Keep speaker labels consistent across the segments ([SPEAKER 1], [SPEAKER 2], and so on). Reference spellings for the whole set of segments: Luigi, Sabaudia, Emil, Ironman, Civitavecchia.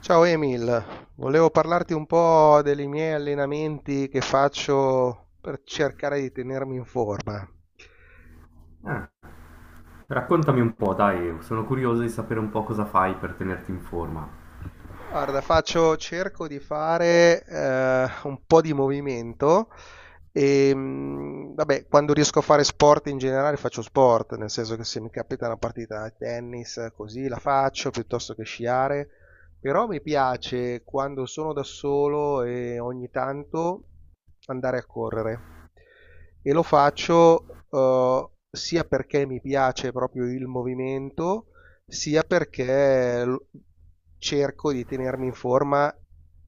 [SPEAKER 1] Ciao Emil, volevo parlarti un po' dei miei allenamenti che faccio per cercare di tenermi in forma.
[SPEAKER 2] Eh, raccontami un po', dai, sono curioso di sapere un po' cosa fai per tenerti in forma.
[SPEAKER 1] Guarda, faccio cerco di fare, un po' di movimento, vabbè, quando riesco a fare sport in generale faccio sport, nel senso che se mi capita una partita a tennis, così la faccio, piuttosto che sciare, però mi piace quando sono da solo e ogni tanto andare a correre. E lo faccio, sia perché mi piace proprio il movimento, sia cerco di tenermi in forma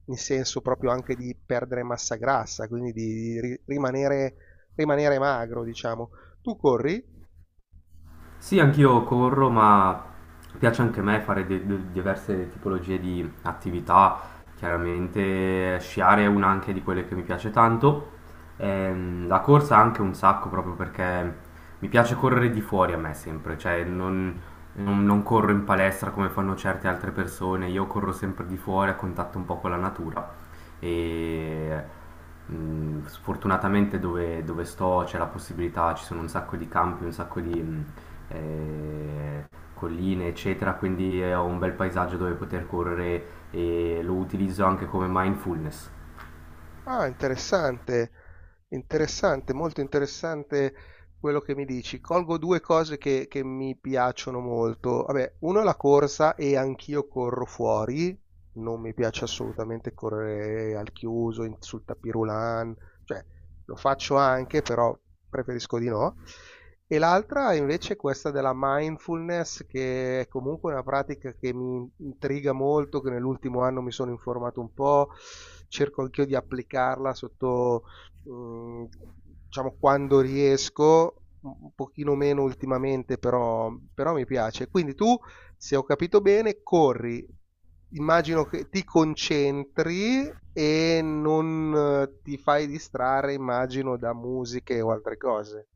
[SPEAKER 1] in senso proprio anche di perdere massa grassa, quindi di rimanere, rimanere magro, diciamo. Tu corri?
[SPEAKER 2] Sì, anch'io corro, ma piace anche a me fare diverse tipologie di attività. Chiaramente sciare è una anche di quelle che mi piace tanto. La corsa anche un sacco, proprio perché mi piace correre di fuori, a me sempre, cioè non, non corro in palestra come fanno certe altre persone, io corro sempre di fuori a contatto un po' con la natura. E sfortunatamente dove, dove sto c'è la possibilità, ci sono un sacco di campi, un sacco di, eh, colline, eccetera, quindi ho un bel paesaggio dove poter correre e lo utilizzo anche come mindfulness.
[SPEAKER 1] Ah, interessante, interessante, molto interessante quello che mi dici. Colgo due cose che mi piacciono molto. Vabbè, uno è la corsa e anch'io corro fuori. Non mi piace assolutamente correre al chiuso, sul tapis roulant, cioè lo faccio anche, però preferisco di no. E l'altra invece è questa della mindfulness, che è comunque una pratica che mi intriga molto, che nell'ultimo anno mi sono informato un po', cerco anch'io di applicarla sotto, mm, diciamo, quando riesco, un pochino meno ultimamente, però, però mi piace. Quindi tu, se ho capito bene, corri. Immagino che ti concentri e non ti fai distrarre, immagino, da musiche o altre cose.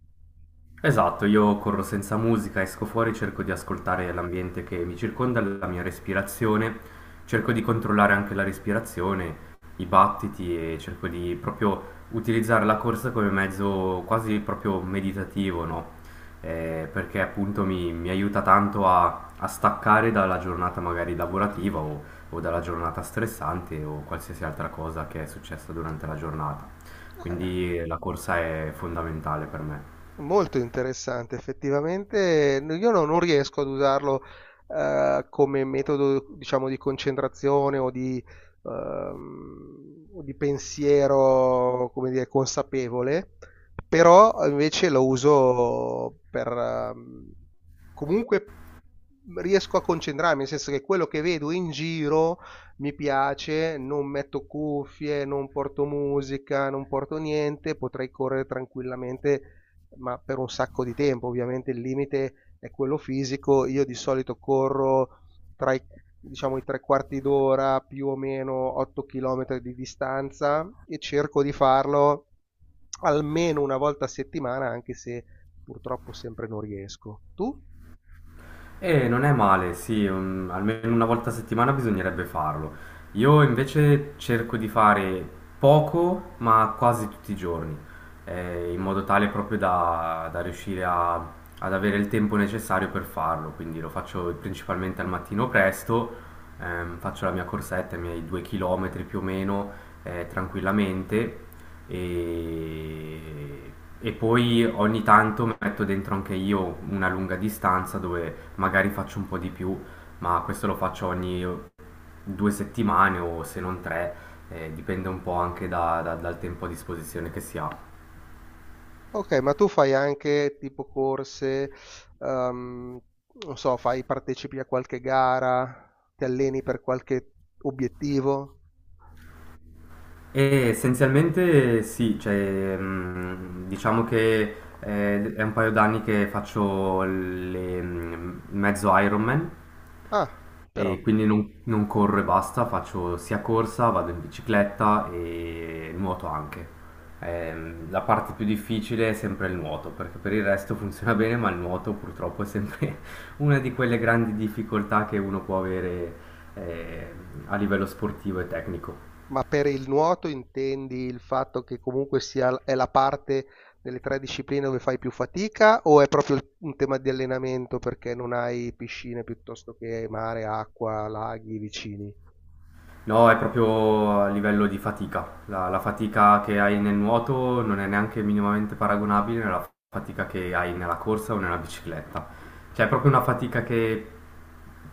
[SPEAKER 2] Esatto, io corro senza musica, esco fuori, cerco di ascoltare l'ambiente che mi circonda, la mia respirazione, cerco di controllare anche la respirazione, i battiti e cerco di proprio utilizzare la corsa come mezzo quasi proprio meditativo, no? Perché appunto mi aiuta tanto a staccare dalla giornata magari lavorativa o dalla giornata stressante o qualsiasi altra cosa che è successa durante la giornata.
[SPEAKER 1] Eh,
[SPEAKER 2] Quindi la corsa è fondamentale per me.
[SPEAKER 1] Molto interessante, effettivamente io non riesco ad usarlo come metodo, diciamo, di concentrazione o di pensiero, come dire, consapevole, però invece lo uso per, comunque riesco a concentrarmi, nel senso che quello che vedo in giro mi piace, non metto cuffie, non porto musica, non porto niente, potrei correre tranquillamente ma per un sacco di tempo. Ovviamente il limite è quello fisico. Io di solito corro tra i, diciamo, i tre quarti d'ora, più o meno 8 km di distanza e cerco di farlo almeno una volta a settimana, anche se purtroppo sempre non riesco. Tu?
[SPEAKER 2] E non è male, sì, almeno una volta a settimana bisognerebbe farlo. Io invece cerco di fare poco, ma quasi tutti i giorni, in modo tale proprio da riuscire ad avere il tempo necessario per farlo. Quindi lo faccio principalmente al mattino presto, faccio la mia corsetta, i miei 2 km più o meno, tranquillamente e, e poi ogni tanto metto dentro anche io una lunga distanza dove magari faccio un po' di più, ma questo lo faccio ogni due settimane o se non tre, dipende un po' anche dal tempo a disposizione che si ha.
[SPEAKER 1] Ok, ma tu fai anche tipo corse, ehm, non so, partecipi a qualche gara, ti alleni per qualche obiettivo?
[SPEAKER 2] E essenzialmente sì, cioè, diciamo che è un paio d'anni che faccio le, mezzo Ironman.
[SPEAKER 1] Ah, però.
[SPEAKER 2] E quindi non, non corro e basta, faccio sia corsa, vado in bicicletta e nuoto anche. La parte più difficile è sempre il nuoto, perché per il resto funziona bene, ma il nuoto purtroppo è sempre una di quelle grandi difficoltà che uno può avere eh, a livello sportivo e tecnico.
[SPEAKER 1] Ma per il nuoto intendi il fatto che comunque sia è la parte delle 3 discipline dove fai più fatica o è proprio un tema di allenamento perché non hai piscine piuttosto che mare, acqua, laghi vicini?
[SPEAKER 2] No, è proprio a livello di fatica. La fatica che hai nel nuoto non è neanche minimamente paragonabile alla fatica che hai nella corsa o nella bicicletta. Cioè, è proprio una fatica che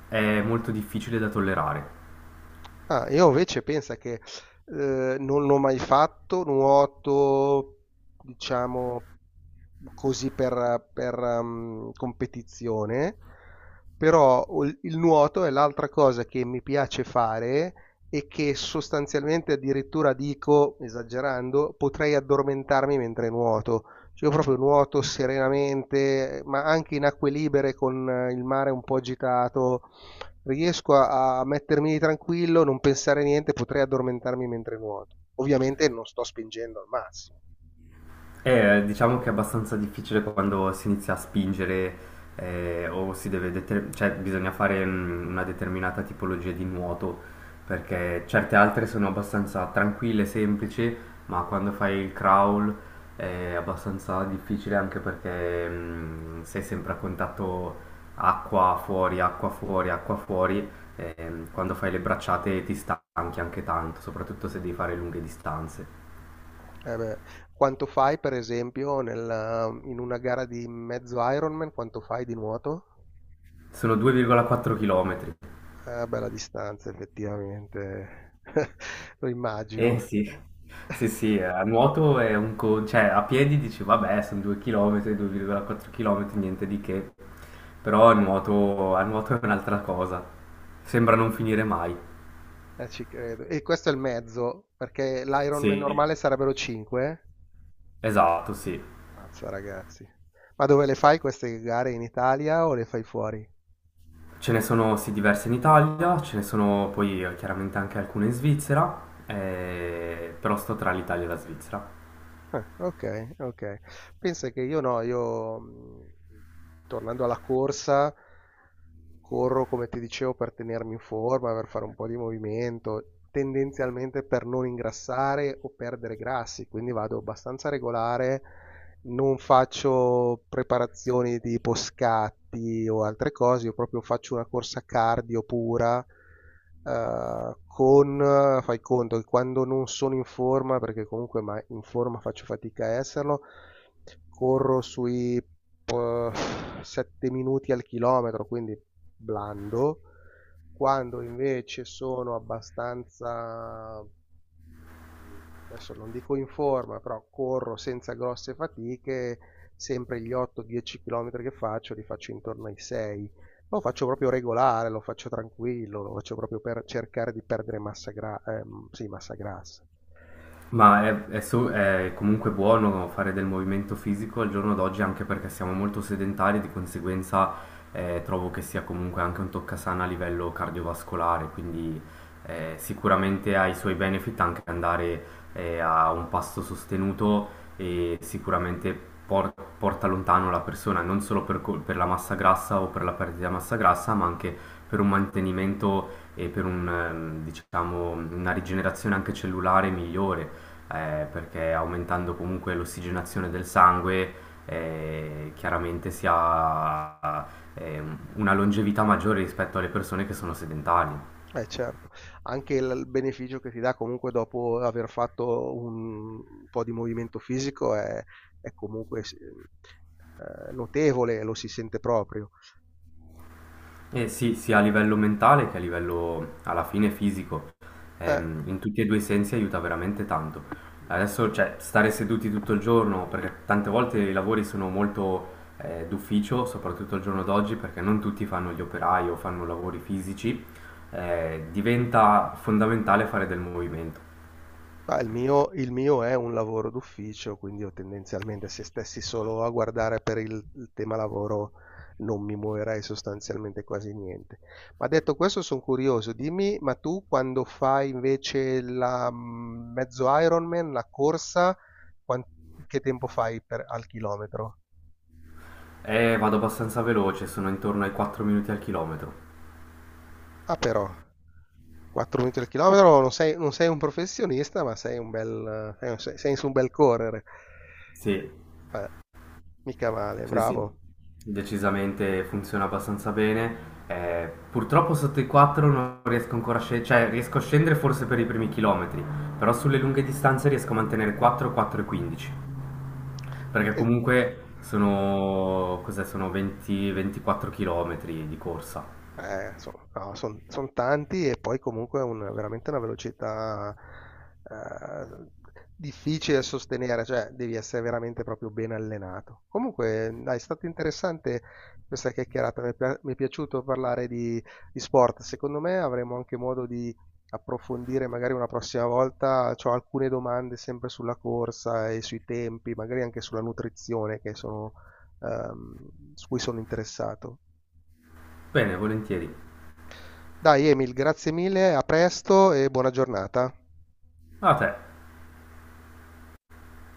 [SPEAKER 2] è molto difficile da tollerare.
[SPEAKER 1] Ah, io invece pensa che non l'ho mai fatto, nuoto, diciamo, così per competizione, però il nuoto è l'altra cosa che mi piace fare e che sostanzialmente addirittura dico, esagerando, potrei addormentarmi mentre nuoto. Cioè, io proprio nuoto serenamente, ma anche in acque libere con il mare un po' agitato. Riesco a mettermi tranquillo, non pensare a niente, potrei addormentarmi mentre nuoto. Ovviamente non sto spingendo al massimo.
[SPEAKER 2] Diciamo che è abbastanza difficile quando si inizia a spingere o si deve cioè bisogna fare una determinata tipologia di nuoto, perché certe altre sono abbastanza tranquille, semplici, ma quando fai il crawl è abbastanza difficile anche perché sei sempre a contatto, acqua fuori, acqua fuori, acqua fuori. E quando fai le bracciate ti stanchi anche tanto, soprattutto se devi fare lunghe distanze.
[SPEAKER 1] Eh beh, quanto fai, per esempio, in una gara di mezzo Ironman, quanto fai di nuoto?
[SPEAKER 2] Sono 2,4 km.
[SPEAKER 1] Bella distanza, effettivamente. Lo immagino.
[SPEAKER 2] Eh sì, sì, sì, a nuoto è un cioè a piedi dici vabbè sono 2 km, 2,4 km, niente di che, però a nuoto è un'altra cosa, sembra non finire mai.
[SPEAKER 1] Ci credo. E questo è il mezzo, perché l'Ironman normale
[SPEAKER 2] Sì,
[SPEAKER 1] sarebbero 5.
[SPEAKER 2] esatto, sì.
[SPEAKER 1] Mazza, ragazzi. Ma dove le fai queste gare? In Italia o le fai fuori?
[SPEAKER 2] Ce ne sono sì diverse in Italia, ce ne sono poi chiaramente anche alcune in Svizzera, però sto tra l'Italia e la Svizzera.
[SPEAKER 1] Ah, okay, okay. Pensa che io no, io, tornando alla corsa, corro come ti dicevo per tenermi in forma, per fare un po' di movimento, tendenzialmente per non ingrassare o perdere grassi, quindi vado abbastanza regolare, non faccio preparazioni tipo scatti o altre cose, io proprio faccio una corsa cardio pura, fai conto che quando non sono in forma, perché comunque ma in forma faccio fatica a esserlo, corro sui 7 minuti al chilometro, quindi blando. Quando invece sono abbastanza mhmm, adesso non dico in forma, però corro senza grosse fatiche, sempre gli 8, 10 chilometri che faccio li faccio intorno ai 6. Lo faccio proprio regolare, lo faccio tranquillo, lo faccio proprio per cercare di perdere massa gra sì, massa grassa.
[SPEAKER 2] Ma è è comunque buono fare del movimento fisico al giorno d'oggi, anche perché siamo molto sedentari, di conseguenza trovo che sia comunque anche un toccasana a livello cardiovascolare, quindi sicuramente ha i suoi benefit, anche andare a un pasto sostenuto e sicuramente porta lontano la persona, non solo per, per la massa grassa o per la perdita di massa grassa, ma anche per un mantenimento e per un, diciamo, una rigenerazione anche cellulare migliore, perché aumentando comunque l'ossigenazione del sangue, chiaramente si ha eh, una longevità maggiore rispetto alle persone che sono sedentarie.
[SPEAKER 1] Eh certo, anche il beneficio che ti dà comunque dopo aver fatto un po' di movimento fisico è comunque s notevole, lo si sente proprio.
[SPEAKER 2] Eh sì, sia a livello mentale che a livello alla fine fisico.
[SPEAKER 1] Eh.
[SPEAKER 2] In tutti e due i sensi aiuta veramente tanto. Adesso, cioè, stare seduti tutto il giorno, perché tante volte i lavori sono molto d'ufficio, soprattutto al giorno d'oggi, perché non tutti fanno gli operai o fanno lavori fisici, diventa fondamentale fare del movimento.
[SPEAKER 1] Ma il mio è un lavoro d'ufficio, quindi io tendenzialmente se stessi solo a guardare per il tema lavoro non mi muoverei sostanzialmente quasi niente. Ma detto questo sono curioso, dimmi, ma tu quando fai invece la mezzo Ironman, la corsa, quan- che tempo fai al chilometro?
[SPEAKER 2] E vado abbastanza veloce, sono intorno ai 4 minuti al chilometro.
[SPEAKER 1] Ah però, 4 minuti al chilometro, non sei un professionista, ma sei su un bel correre.
[SPEAKER 2] Sì,
[SPEAKER 1] Beh, mica male,
[SPEAKER 2] sì,
[SPEAKER 1] bravo.
[SPEAKER 2] sì, decisamente funziona abbastanza bene. Purtroppo sotto i 4 non riesco ancora a scendere, cioè riesco a scendere forse per i primi chilometri, però sulle lunghe distanze riesco a mantenere 4, 4 e 15, perché comunque sono, cos'è, sono 20, 24 chilometri di corsa.
[SPEAKER 1] Sono no, son tanti e poi comunque è veramente una velocità eh, difficile da sostenere, cioè devi essere veramente proprio ben allenato. Comunque, dai, è stato interessante questa chiacchierata, mi è piaciuto parlare di sport. Secondo me avremo anche modo di approfondire magari una prossima volta. Ho alcune domande sempre sulla corsa e sui tempi, magari anche sulla nutrizione che sono, ehm, su cui sono interessato.
[SPEAKER 2] Bene, volentieri.
[SPEAKER 1] Dai Emil, grazie mille, a presto e buona giornata.
[SPEAKER 2] A te.